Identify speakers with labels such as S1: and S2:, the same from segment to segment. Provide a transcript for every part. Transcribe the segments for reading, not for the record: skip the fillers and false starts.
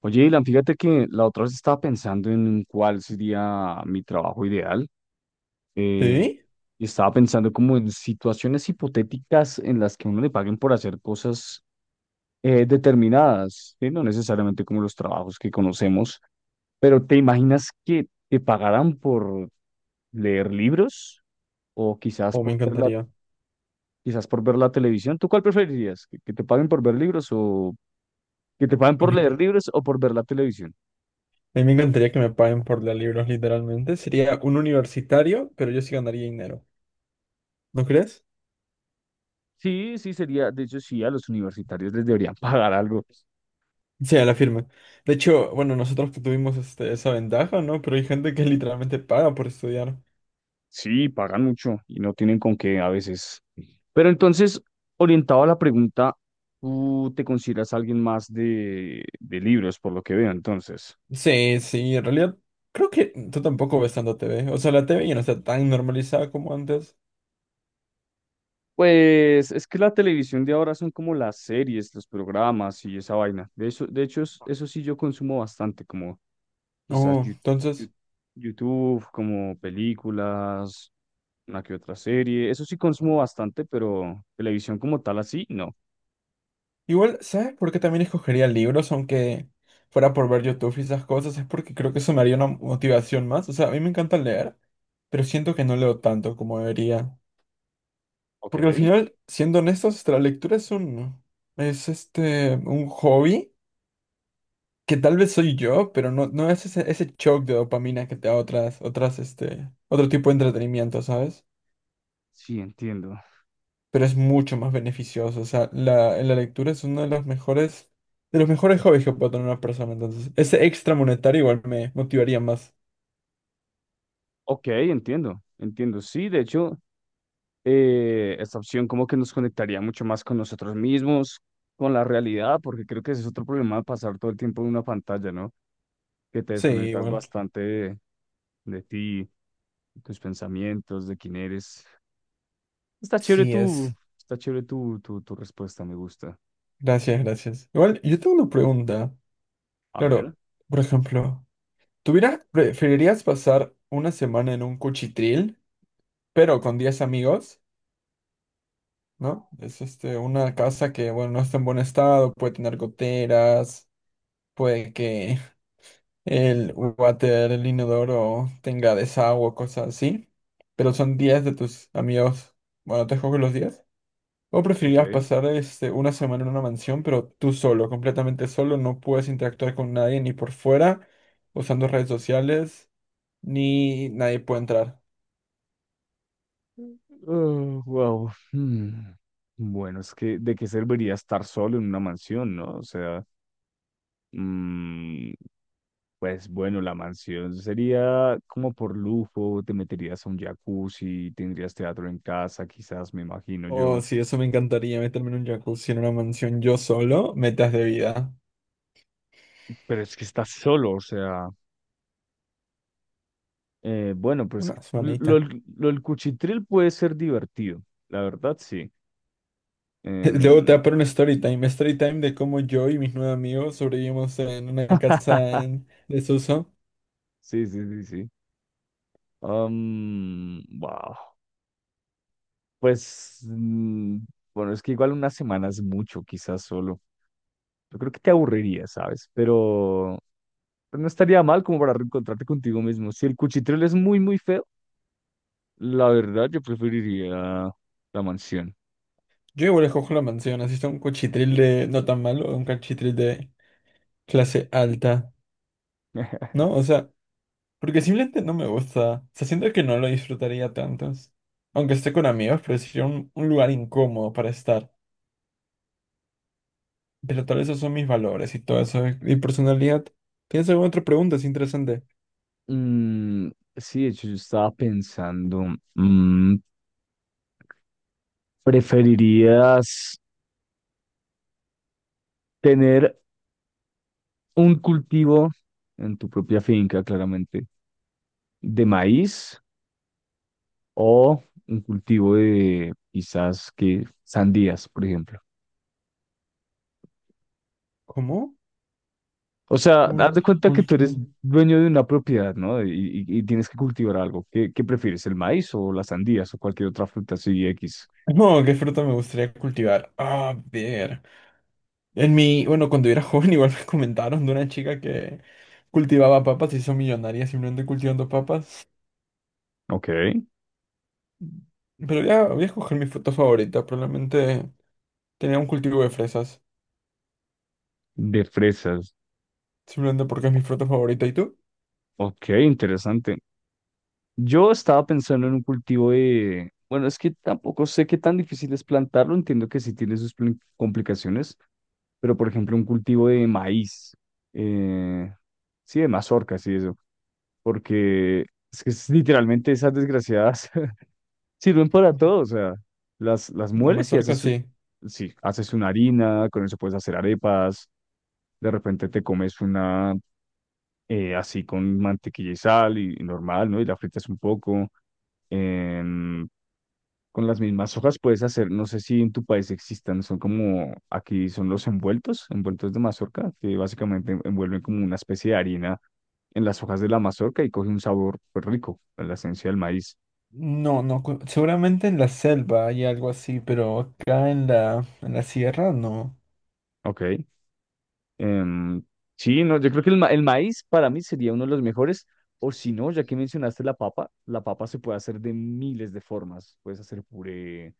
S1: Oye, Ilan, fíjate que la otra vez estaba pensando en cuál sería mi trabajo ideal. eh,
S2: Sí,
S1: y estaba pensando como en situaciones hipotéticas en las que uno le paguen por hacer cosas determinadas, ¿sí? No necesariamente como los trabajos que conocemos, pero ¿te imaginas que te pagaran por leer libros o quizás
S2: o me
S1: por ver la,
S2: encantaría.
S1: quizás por ver la televisión? ¿Tú cuál preferirías? ¿Que te paguen por ver libros o que te paguen
S2: A
S1: por
S2: mí
S1: leer
S2: me...
S1: libros o por ver la televisión?
S2: A mí me encantaría que me paguen por leer libros, literalmente. Sería un universitario, pero yo sí ganaría dinero. ¿No crees?
S1: Sí, sí, sería, de hecho, sí, a los universitarios les deberían pagar algo.
S2: Sí, a la firma. De hecho, bueno, nosotros tuvimos esa ventaja, ¿no? Pero hay gente que literalmente paga por estudiar.
S1: Sí, pagan mucho y no tienen con qué a veces. Pero entonces, orientado a la pregunta, tú te consideras alguien más de libros, por lo que veo, entonces.
S2: Sí, sí, en realidad creo que tú tampoco ves tanta TV. O sea, la TV ya no está tan normalizada como antes.
S1: Pues es que la televisión de ahora son como las series, los programas y esa vaina. De eso, de hecho, eso sí yo consumo bastante, como Quizás
S2: Oh,
S1: Yu-
S2: entonces.
S1: Yu- YouTube, como películas, una que otra serie. Eso sí consumo bastante, pero televisión como tal así, no.
S2: Igual, ¿sabes por qué también escogería libros, aunque fuera por ver YouTube y esas cosas? Es porque creo que eso me haría una motivación más. O sea, a mí me encanta leer, pero siento que no leo tanto como debería.
S1: Ok.
S2: Porque al final, siendo honestos, la lectura es un hobby que tal vez soy yo, pero no es ese shock de dopamina que te da otro tipo de entretenimiento, ¿sabes?
S1: Sí, entiendo.
S2: Pero es mucho más beneficioso. O sea, la lectura es uno de los mejores hobbies que puede tener una persona. Entonces, ese extra monetario igual me motivaría más.
S1: Ok, entiendo, entiendo. Sí, de hecho, esta opción como que nos conectaría mucho más con nosotros mismos, con la realidad, porque creo que ese es otro problema de pasar todo el tiempo en una pantalla, ¿no? Que te
S2: Sí,
S1: desconectas
S2: igual.
S1: bastante de ti, de tus pensamientos, de quién eres. Está chévere
S2: Sí,
S1: tu,
S2: es.
S1: Está chévere tu respuesta, me gusta.
S2: Gracias, gracias. Igual, yo tengo una pregunta.
S1: A ver,
S2: Claro, por ejemplo, preferirías pasar una semana en un cuchitril, pero con 10 amigos? ¿No? Es una casa que, bueno, no está en buen estado, puede tener goteras, puede que el water, el inodoro tenga desagüe, o cosas así, pero son días de tus amigos, bueno, te juego los días. ¿O preferirías
S1: ok.
S2: pasar una semana en una mansión, pero tú solo, completamente solo, no puedes interactuar con nadie ni por fuera, usando redes sociales, ni nadie puede entrar?
S1: Oh, wow. Hmm. Bueno, es que ¿de qué serviría estar solo en una mansión, no? O sea, mm, pues bueno, la mansión sería como por lujo, te meterías a un jacuzzi, tendrías teatro en casa, quizás, me imagino
S2: Oh,
S1: yo.
S2: sí, eso me encantaría, meterme en un jacuzzi en una mansión yo solo, metas de vida.
S1: Pero es que estás solo, o sea, bueno, pues
S2: Una
S1: lo, lo,
S2: semanita.
S1: lo- el cuchitril puede ser divertido, la verdad, sí.
S2: Luego te
S1: Em,
S2: va a poner un story time de cómo yo y mis nueve amigos sobrevivimos en una casa en desuso.
S1: Sí, sí, sí, sí. Wow. Pues, mm, bueno, es que igual una semana es mucho, quizás solo. Yo creo que te aburriría, ¿sabes? Pero no estaría mal como para reencontrarte contigo mismo. Si el cuchitril es muy, muy feo, la verdad yo preferiría la mansión.
S2: Yo igual escojo la mansión, así está un cuchitril de no tan malo, un cuchitril de clase alta, ¿no? O sea, porque simplemente no me gusta. O sea, siento que no lo disfrutaría tanto. Aunque esté con amigos, pero sería un lugar incómodo para estar. Pero tal vez esos son mis valores y todo eso, y personalidad. ¿Tienes alguna otra pregunta? Es interesante.
S1: Mm, sí, de hecho, yo estaba pensando, mm, ¿preferirías tener un cultivo en tu propia finca, claramente? De maíz o un cultivo de quizás que sandías, por ejemplo.
S2: ¿Cómo?
S1: O sea, haz
S2: Un
S1: de cuenta que tú eres
S2: último.
S1: dueño de una propiedad, ¿no? Y tienes que cultivar algo. ¿Qué prefieres, el maíz o las sandías o cualquier otra fruta así X?
S2: No, ¿qué fruta me gustaría cultivar? Ah, a ver. En mi, bueno, cuando era joven igual me comentaron de una chica que cultivaba papas y hizo millonaria simplemente cultivando papas.
S1: Ok.
S2: Pero voy a escoger mi fruta favorita. Probablemente tenía un cultivo de fresas.
S1: De fresas.
S2: Simplemente porque es mi fruta favorita. ¿Y tú?
S1: Ok, interesante. Yo estaba pensando en un cultivo de... Bueno, es que tampoco sé qué tan difícil es plantarlo. Entiendo que sí tiene sus complicaciones. Pero por ejemplo un cultivo de maíz, eh, sí, de mazorcas y eso, porque es que es literalmente esas desgraciadas sirven para todo, o sea, las
S2: La
S1: mueles y
S2: mazorca
S1: haces,
S2: sí.
S1: sí, haces una harina, con eso puedes hacer arepas, de repente te comes una así con mantequilla y sal y normal, ¿no? Y la fritas un poco. em, Con las mismas hojas puedes hacer, no sé si en tu país existan, son como, aquí son los envueltos, envueltos de mazorca, que básicamente envuelven como una especie de harina en las hojas de la mazorca y coge un sabor pues, rico, en la esencia del maíz.
S2: No, no. Seguramente en la selva hay algo así, pero acá en la sierra no.
S1: Ok. em, sí, no, yo creo que el maíz para mí sería uno de los mejores, o si no, ya que mencionaste la papa se puede hacer de miles de formas. Puedes hacer puré,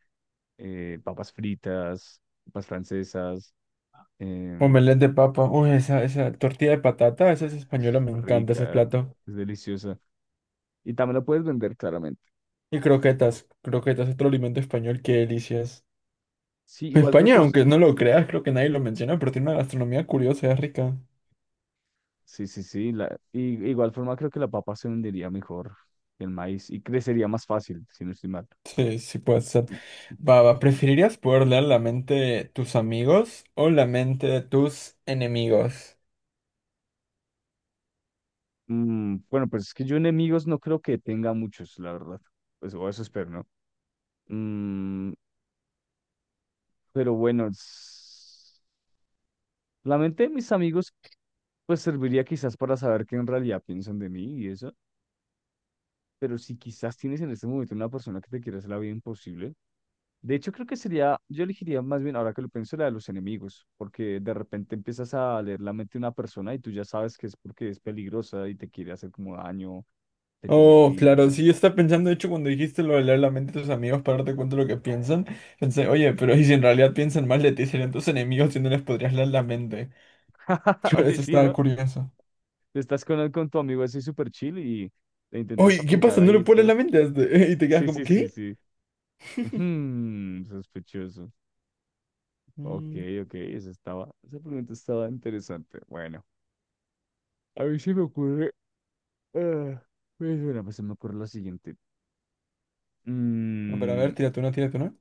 S1: papas fritas, papas francesas, em,
S2: Omelette de papa. Uy, esa tortilla de patata, esa es española, me encanta ese
S1: rica,
S2: plato.
S1: es deliciosa. Y también lo puedes vender claramente.
S2: Y croquetas, croquetas, otro alimento español qué delicias.
S1: Sí, igual creo
S2: España,
S1: que es,
S2: aunque no lo creas, creo que nadie lo menciona, pero tiene una gastronomía curiosa, es rica.
S1: sí, sí, sí. La, y, igual forma creo que la papa se vendería mejor que el maíz y crecería más fácil, si no estoy mal.
S2: Sí, sí puede ser. Va, va, ¿preferirías poder leer la mente de tus amigos o la mente de tus enemigos?
S1: Bueno, pues es que yo enemigos no creo que tenga muchos, la verdad. Pues o eso espero, ¿no? Mm, pero bueno, la mente de mis amigos pues serviría quizás para saber qué en realidad piensan de mí y eso. Pero si quizás tienes en este momento una persona que te quiere hacer la vida imposible, de hecho, creo que sería, yo elegiría más bien, ahora que lo pienso, la de los enemigos, porque de repente empiezas a leer la mente de una persona y tú ya sabes que es porque es peligrosa y te quiere hacer como daño, te tiene
S2: Oh, claro,
S1: envidia.
S2: sí, yo estaba pensando, de hecho, cuando dijiste lo de leer la mente de tus amigos para darte cuenta de lo que piensan, pensé, oye, pero ¿y si en realidad piensan mal de ti, serían tus enemigos y no les podrías leer la mente?
S1: Oye,
S2: Eso
S1: sí,
S2: estaba
S1: ¿no?
S2: curioso.
S1: Estás con tu amigo así súper chill y le intentas
S2: Oye, ¿qué
S1: aplicar
S2: pasa? ¿No
S1: ahí
S2: le
S1: el
S2: puedes
S1: poder.
S2: leer la mente a este? Y te quedas
S1: Sí,
S2: como,
S1: sí, sí,
S2: ¿qué?
S1: sí. Ujú, sospechoso. Ok,
S2: Mm.
S1: ok, esa estaba, esa pregunta estaba interesante. Bueno, a ver si me ocurre, ah, pues bueno, pues se me ocurre lo siguiente.
S2: A
S1: Mm,
S2: ver, tírate una, tírate una.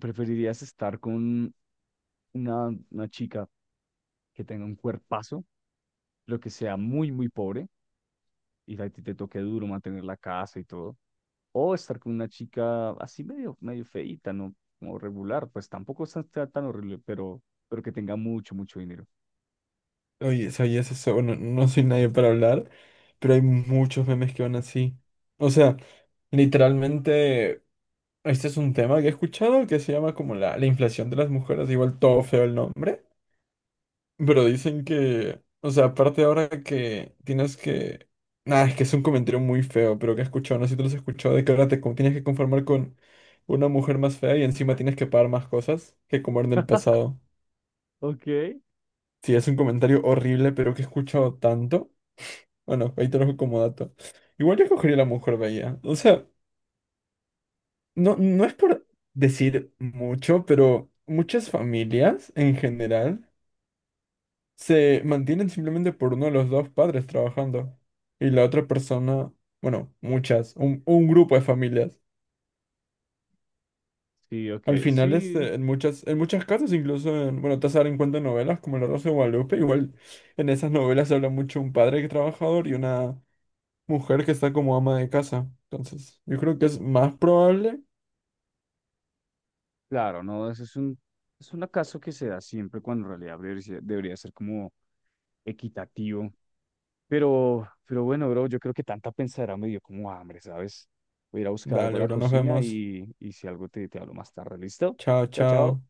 S1: ¿Preferirías estar con una chica que tenga un cuerpazo, lo que sea muy, muy pobre, y a ti te toque duro mantener la casa y todo? ¿O estar con una chica así medio, medio feíta, no como regular? Pues tampoco está tan horrible, pero que tenga mucho, mucho dinero.
S2: Oye, ¿sabías eso? Bueno, no soy nadie para hablar, pero hay muchos memes que van así. O sea, literalmente, este es un tema que he escuchado que se llama como la inflación de las mujeres, igual todo feo el nombre, pero dicen que, o sea, aparte ahora que tienes que... Nada, es que es un comentario muy feo, pero que he escuchado, no sé si tú lo has escuchado, de que ahora tienes que conformar con una mujer más fea y encima tienes que pagar más cosas que como en el pasado.
S1: Ok,
S2: Sí, es un comentario horrible, pero que he escuchado tanto. Bueno, ahí te lo dejo como dato. Igual yo escogería la mujer bella. O sea, no es por decir mucho, pero muchas familias en general se mantienen simplemente por uno de los dos padres trabajando. Y la otra persona, bueno, un grupo de familias.
S1: sí, ok,
S2: Al final,
S1: sí,
S2: en muchas casas, incluso en, bueno, te vas a dar en cuenta en novelas como La Rosa de Guadalupe, igual en esas novelas se habla mucho un padre trabajador y una mujer que está como ama de casa. Entonces, yo creo que es más probable.
S1: claro, no, eso es un acaso que se da siempre cuando en realidad debería ser como equitativo. Pero bueno, bro, yo creo que tanta pensadera me dio como hambre, ¿sabes? Voy a ir a buscar algo a
S2: Dale,
S1: la
S2: bro, nos
S1: cocina
S2: vemos.
S1: y si algo te hablo más tarde, ¿listo?
S2: Chao,
S1: Chao, chao.
S2: chao.